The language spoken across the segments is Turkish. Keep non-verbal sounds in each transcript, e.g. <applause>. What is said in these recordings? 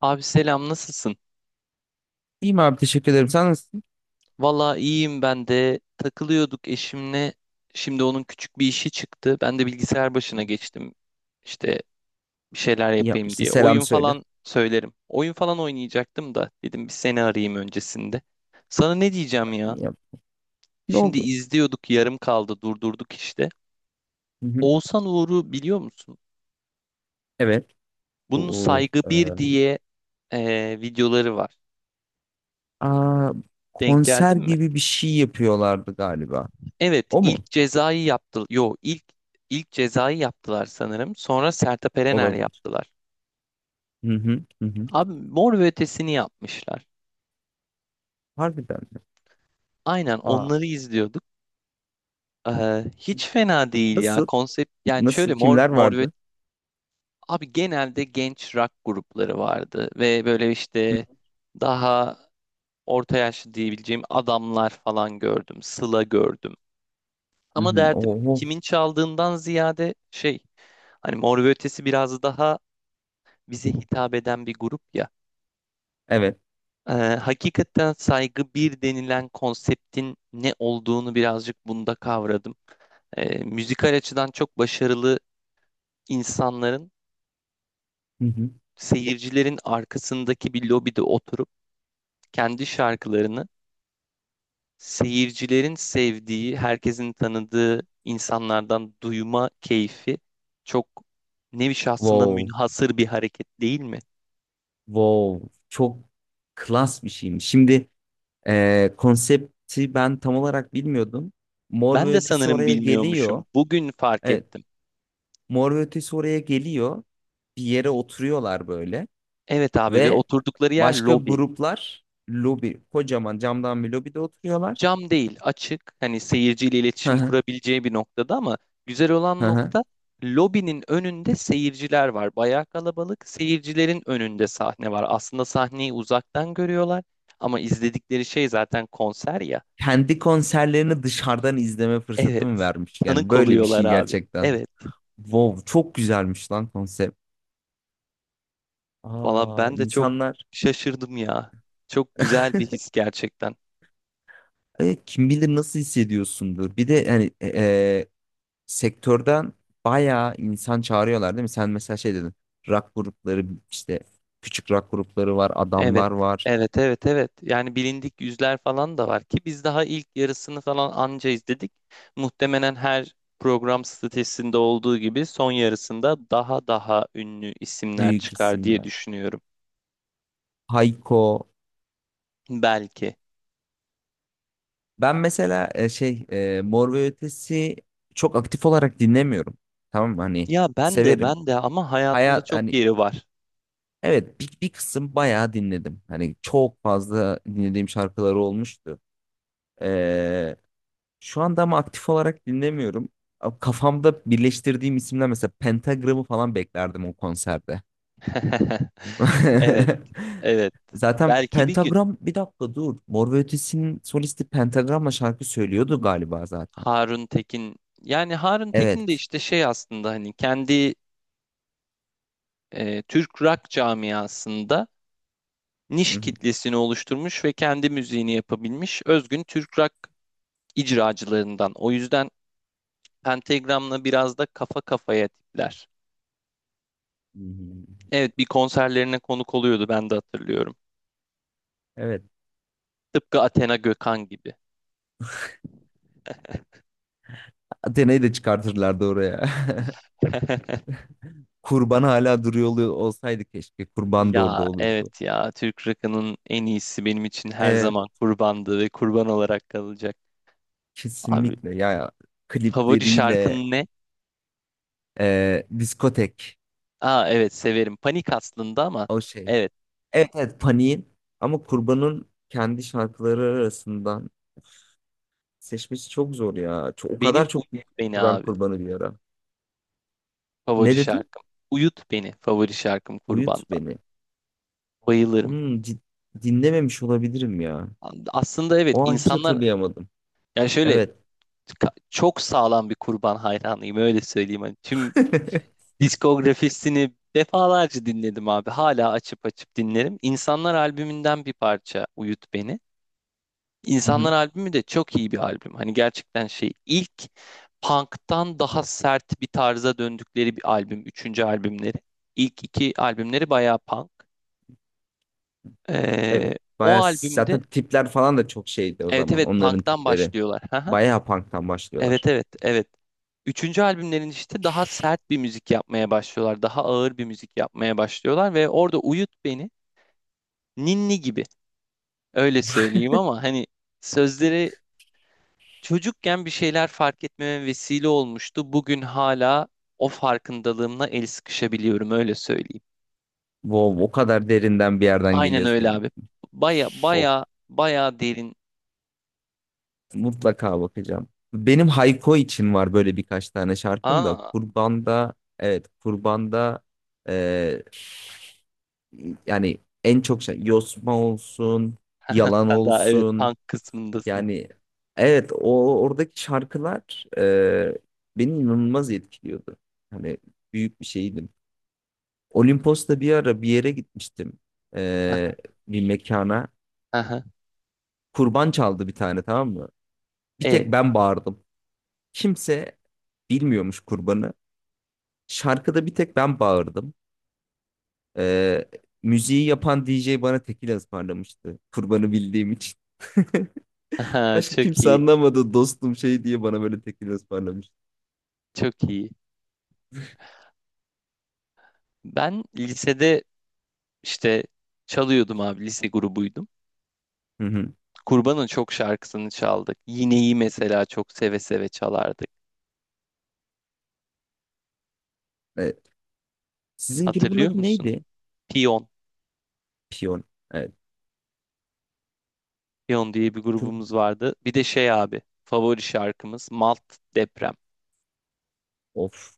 Abi selam nasılsın? İyiyim abi teşekkür ederim. Sen nasılsın? Valla iyiyim ben de takılıyorduk eşimle. Şimdi onun küçük bir işi çıktı. Ben de bilgisayar başına geçtim. İşte bir şeyler İyi yapayım yapmışsın. diye. Selam Oyun söyle. falan söylerim. Oyun falan oynayacaktım da dedim bir seni arayayım öncesinde. Sana ne diyeceğim ya? İyi yap- Ne Şimdi oldu? izliyorduk yarım kaldı durdurduk işte. Hı hı. Oğuzhan Uğur'u biliyor musun? Evet. Bunun Bu, Saygı bir diye videoları var. aa, Denk konser geldin mi? gibi bir şey yapıyorlardı galiba. Evet, O ilk mu? cezayı yaptı. Yo, ilk cezayı yaptılar sanırım. Sonra Sertab Erener Olabilir. yaptılar. Hı hı. Hı hı. Abi Mor ve Ötesi'ni yapmışlar. Harbiden mi? Aynen onları Aa, izliyorduk. Hiç fena değil ya nasıl? konsept. Yani şöyle Nasıl? Mor Kimler Mor ve vardı? abi genelde genç rock grupları vardı ve böyle işte daha orta yaşlı diyebileceğim adamlar falan gördüm. Sıla gördüm. Hı Ama hı. derdim Oho. kimin çaldığından ziyade şey, hani Mor ve Ötesi biraz daha bize hitap eden bir grup ya. Evet. Hakikaten saygı bir denilen konseptin ne olduğunu birazcık bunda kavradım. Müzikal açıdan çok başarılı insanların, Hı hı. seyircilerin arkasındaki bir lobide oturup kendi şarkılarını seyircilerin sevdiği, herkesin tanıdığı insanlardan duyma keyfi, çok nevi şahsına Wow. münhasır bir hareket değil mi? Wow. Çok klas bir şeymiş. Şimdi konsepti ben tam olarak bilmiyordum. Mor Ben ve de Ötesi sanırım oraya geliyor. bilmiyormuşum. Bugün fark Evet. ettim. Mor ve Ötesi oraya geliyor. Bir yere oturuyorlar böyle. Evet abi, ve Ve oturdukları yer başka lobi. gruplar kocaman camdan bir lobide oturuyorlar. Cam değil, açık. Hani seyirciyle Hı iletişim hı, kurabileceği bir noktada, ama güzel hı olan hı. nokta, lobinin önünde seyirciler var. Bayağı kalabalık. Seyircilerin önünde sahne var. Aslında sahneyi uzaktan görüyorlar ama izledikleri şey zaten konser ya. Kendi konserlerini dışarıdan izleme fırsatı Evet. vermiş? Yani Tanık böyle bir oluyorlar şey abi. gerçekten. Evet. Wow, çok güzelmiş lan konsept. Valla Aa, ben de çok insanlar şaşırdım ya. Çok güzel bir his gerçekten. Kim bilir nasıl hissediyorsundur. Bir de yani sektörden bayağı insan çağırıyorlar değil mi? Sen mesela şey dedin. Rock grupları işte küçük rock grupları var, Evet, adamlar var, evet, evet, evet. Yani bilindik yüzler falan da var ki biz daha ilk yarısını falan anca izledik. Muhtemelen her program statüsünde olduğu gibi son yarısında daha daha ünlü isimler büyük çıkar diye isimler. düşünüyorum. Hayko. Belki. Ben mesela şey Mor ve Ötesi çok aktif olarak dinlemiyorum. Tamam mı? Hani Ya ben de severim. ben de ama hayatımda Hayat çok hani yeri var. evet bir kısım bayağı dinledim. Hani çok fazla dinlediğim şarkıları olmuştu. Şu anda ama aktif olarak dinlemiyorum. Kafamda birleştirdiğim isimler mesela Pentagram'ı falan beklerdim o konserde. <laughs> Evet, evet. <laughs> Zaten Belki bir gün Pentagram bir dakika dur. Mor ve Ötesi'nin solisti Pentagram'la şarkı söylüyordu galiba zaten. Harun Tekin. Yani Harun Tekin de Evet. işte şey, aslında hani kendi Türk rock camiasında niş Hı hı. kitlesini oluşturmuş ve kendi müziğini yapabilmiş özgün Türk rock icracılarından. O yüzden Pentagram'la biraz da kafa kafaya tipler. Hı hı. Evet, bir konserlerine konuk oluyordu, ben de hatırlıyorum. Evet. Tıpkı Athena Gökhan gibi. Atena'yı da çıkartırlardı oraya. <laughs> <laughs> Kurban hala duruyor olsaydı keşke. Kurban da orada Ya olurdu. evet ya, Türk rock'ının en iyisi benim için her Evet. zaman Kurban'dı ve Kurban olarak kalacak. Abi Kesinlikle ya. favori Klipleriyle şarkın ne? Diskotek. Aa evet, severim. Panik aslında ama O şey. evet, Evet, evet. Paniğin ama Kurban'ın kendi şarkıları arasından seçmesi çok zor ya. Çok, o benim kadar Unut çok dinledim Beni ki ben abi. Kurban'ı bir ara. Favori Ne dedin? şarkım. Uyut beni favori şarkım Uyut Kurban'dan. beni. Bayılırım. Hmm, cid- dinlememiş olabilirim ya. Aslında evet O an hiç insanlar, hatırlayamadım. yani şöyle, Evet. Çok sağlam bir Kurban hayranıyım öyle söyleyeyim. Hani tüm <laughs> diskografisini defalarca dinledim abi. Hala açıp açıp dinlerim. İnsanlar albümünden bir parça Uyut beni. Hı İnsanlar hı, albümü de çok iyi bir albüm. Hani gerçekten şey, ilk punk'tan daha sert bir tarza döndükleri bir albüm. Üçüncü albümleri. İlk iki albümleri bayağı punk. Ee, evet. O Baya albümde zaten tipler falan da çok şeydi o evet zaman. evet, Onların punk'tan tipleri. başlıyorlar. <laughs> Haha. Bayağı punk'tan Evet başlıyorlar. evet evet. Üçüncü albümlerin işte daha sert bir müzik yapmaya başlıyorlar. Daha ağır bir müzik yapmaya başlıyorlar ve orada Uyut Beni ninni gibi, öyle söyleyeyim ama hani sözleri çocukken bir şeyler fark etmeme vesile olmuştu. Bugün hala o farkındalığımla el sıkışabiliyorum, öyle söyleyeyim. Wow, o kadar derinden bir yerden Aynen geliyor öyle senin. abi. Baya Of. baya baya derin. Mutlaka bakacağım. Benim Hayko için var böyle birkaç tane şarkım da Aa, Kurban'da, evet, Kurban'da, e, yani en çok şey Yosma olsun, Yalan <laughs> sen daha evet olsun, punk kısmındasın. yani evet o oradaki şarkılar beni inanılmaz etkiliyordu. Hani büyük bir şeydim. Olimpos'ta bir ara bir yere gitmiştim, e, bir mekana. Aha, Kurban çaldı bir tane tamam mı? Bir tek e, ben bağırdım. Kimse bilmiyormuş kurbanı. Şarkıda bir tek ben bağırdım. Ee, Müziği yapan DJ bana tekila ısmarlamıştı. Kurbanı bildiğim için. <laughs> aha, Başka çok kimse iyi, anlamadı dostum şey diye bana böyle tekila ısmarlamış. çok iyi. Ben lisede işte çalıyordum abi, lise grubuydum. Hı hı. Kurban'ın çok şarkısını çaldık. Yine'yi mesela çok seve seve çalardık. Evet. Sizin grubun Hatırlıyor adı musun? neydi? Piyon, Piyon. Evet. Piyon diye bir Tur- grubumuz vardı. Bir de şey abi, favori şarkımız Malt Deprem. Of.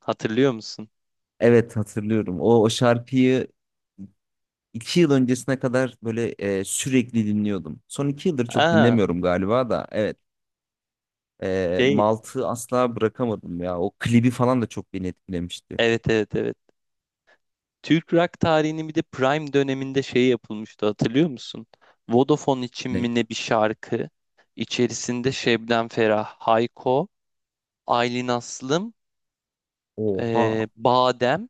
Hatırlıyor musun? Evet hatırlıyorum. O şarkıyı 2 yıl öncesine kadar böyle sürekli dinliyordum. Son 2 yıldır çok Aa, dinlemiyorum galiba da. Evet. Şey, Malt'ı asla bırakamadım ya. O klibi falan da çok beni etkilemişti. evet evet evet. Türk rock tarihinin bir de prime döneminde şey yapılmıştı, hatırlıyor musun? Vodafone için Ne? mi ne, bir şarkı içerisinde Şebnem Ferah, Hayko, Aylin Aslım, Oha. Badem,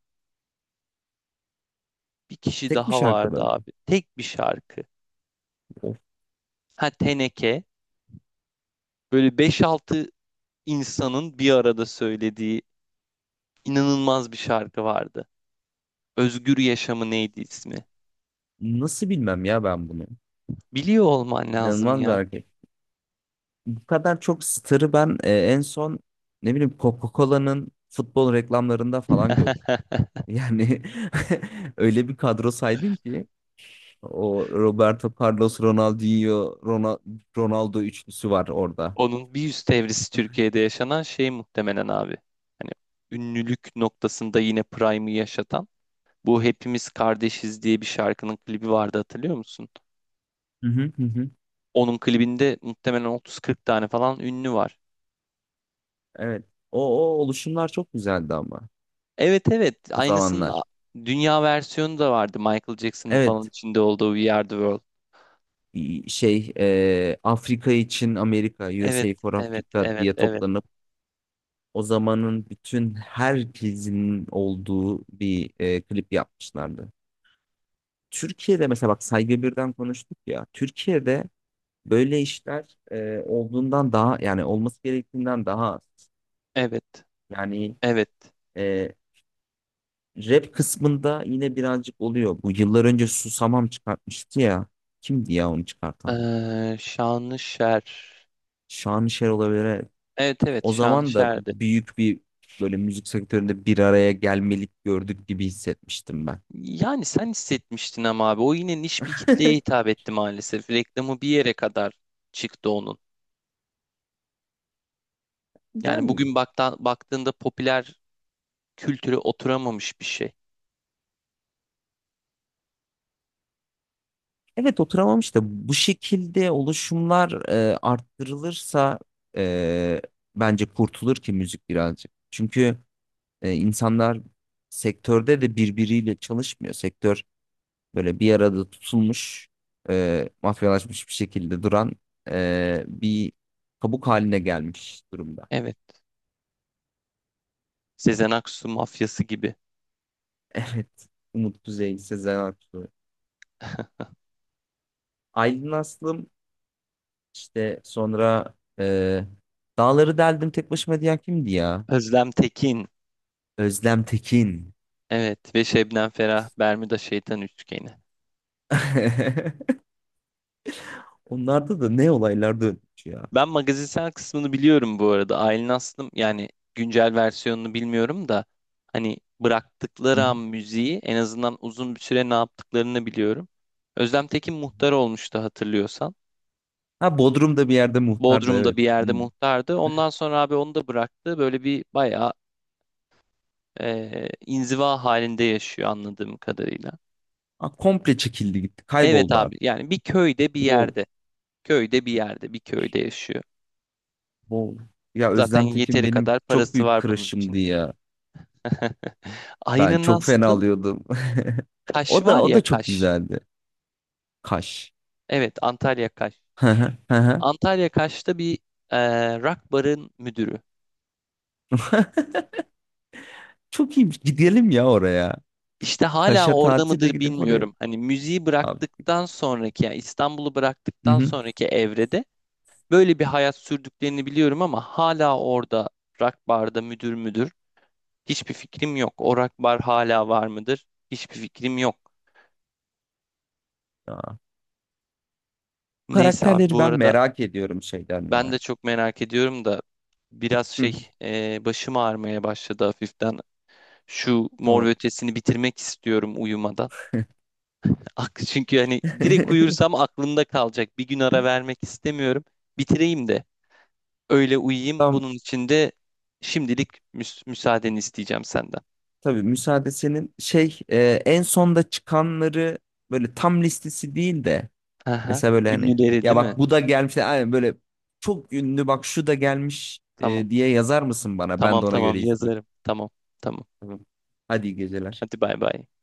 bir kişi Tek bir daha şarkıda vardı mı? abi. Tek bir şarkı. Of, Ha, Teneke. Böyle beş altı insanın bir arada söylediği inanılmaz bir şarkı vardı. Özgür Yaşamı, neydi ismi? nasıl bilmem ya ben bunu. Biliyor olman lazım İnanılmaz bir ya. hareket. Bu kadar çok starı ben en son ne bileyim Coca-Cola'nın futbol reklamlarında falan gördüm. <laughs> Yani <laughs> öyle bir kadro saydım ki o Roberto Carlos, Ronaldinho, Ronaldo üçlüsü var orada. Onun bir üst evresi Türkiye'de yaşanan şey muhtemelen abi. Hani ünlülük noktasında yine Prime'ı yaşatan bu Hepimiz Kardeşiz diye bir şarkının klibi vardı, hatırlıyor musun? Hı hı hı. Hı. Onun klibinde muhtemelen 30-40 tane falan ünlü var. Evet. O oluşumlar çok güzeldi ama Evet evet, o aynısının zamanlar. dünya versiyonu da vardı, Michael Jackson'ın falan Evet. içinde olduğu We Are The World. Şey Afrika için Amerika, Evet USA for evet Africa evet diye evet toplarını O zamanın bütün herkesin olduğu bir klip yapmışlardı. Türkiye'de mesela bak Saygı Birden konuştuk ya. Türkiye'de böyle işler olduğundan daha yani olması gerektiğinden daha az. evet Yani evet. e, rap kısmında yine birazcık oluyor. Bu yıllar önce Susamam çıkartmıştı ya. Kimdi ya onu çıkartan? Şanlışer. Şanışer olabilir. Evet. Evet evet, O zaman da Şanlışer'di. büyük bir böyle müzik sektöründe bir araya gelmelik gördük gibi hissetmiştim ben. Yani sen hissetmiştin ama abi, o yine niş bir kitleye <laughs> hitap etti maalesef. Reklamı bir yere kadar çıktı onun. Yani Yani, bugün baktığında popüler kültüre oturamamış bir şey. evet, oturamamış da bu şekilde oluşumlar arttırılırsa, e, bence kurtulur ki müzik birazcık. Çünkü insanlar sektörde de birbiriyle çalışmıyor. Sektör böyle bir arada tutulmuş, mafyalaşmış bir şekilde duran bir kabuk haline gelmiş durumda. <laughs> Evet. Sezen Aksu mafyası gibi. Evet. Umut Kuzey, Sezen Aksu. <laughs> Aylin Aslım işte sonra e, Dağları deldim tek başıma diyen kimdi ya? Özlem Tekin. Özlem Tekin. Evet, ve Şebnem Ferah Bermuda Şeytan Üçgeni. <laughs> Onlarda da ne olaylar dönmüş ya. Ben magazinsel kısmını biliyorum bu arada. Aylin Aslım yani güncel versiyonunu bilmiyorum da hani Hı bıraktıkları an hı. müziği, en azından uzun bir süre ne yaptıklarını biliyorum. Özlem Tekin muhtar olmuştu, hatırlıyorsan. Ha Bodrum'da bir yerde muhtardı Bodrum'da evet. bir yerde Hmm. muhtardı. Ondan sonra abi onu da bıraktı. Böyle bir bayağı inziva halinde yaşıyor, anladığım kadarıyla. Ha, komple çekildi gitti. Evet Kayboldu abi, artık. yani bir köyde bir Wow. yerde. Köyde bir yerde, bir köyde yaşıyor. Wow. Ya Zaten Özlem Tekin yeteri benim kadar çok parası büyük var bunun crush'ımdı için. ya. <laughs> Ben Aynen çok fena Aslım. alıyordum. <laughs> Kaş O da var o ya, da çok Kaş. güzeldi. Kaş. Evet, Antalya Kaş. <laughs> Hı hı, hı hı. Antalya Kaş'ta bir e, rock barın müdürü. <laughs> Çok iyiymiş. Gidelim ya oraya. İşte hala Kaş'a orada tatile mıdır, gidip oraya. bilmiyorum. Hani müziği Abi. bıraktıktan sonraki, yani İstanbul'u Hı bıraktıktan hı. sonraki evrede böyle bir hayat sürdüklerini biliyorum ama hala orada rock barda müdür. Hiçbir fikrim yok. O rock bar hala var mıdır? Hiçbir fikrim yok. Ya. Bu Neyse abi, bu karakterleri ben arada merak ediyorum şeyden ben ya. de çok merak ediyorum da biraz Hı. şey, başım ağrımaya başladı hafiften. Şu Mor ve Tamam. Ötesi'ni bitirmek istiyorum uyumadan. Çünkü hani direkt <laughs> uyursam aklımda kalacak. Bir gün ara vermek istemiyorum. Bitireyim de öyle uyuyayım. Tamam Bunun için de şimdilik müsaadeni isteyeceğim senden. tabii müsaade senin. Şey en sonda çıkanları böyle tam listesi değil de Aha. mesela böyle hani Ünlüleri ya değil mi? bak bu da gelmiş aynen böyle çok ünlü bak şu da gelmiş Tamam. Diye yazar mısın bana? Ben Tamam de ona tamam göre izleyeyim. yazarım. Tamam. Tamam. Tamam. Hadi iyi geceler. Hadi bay bay.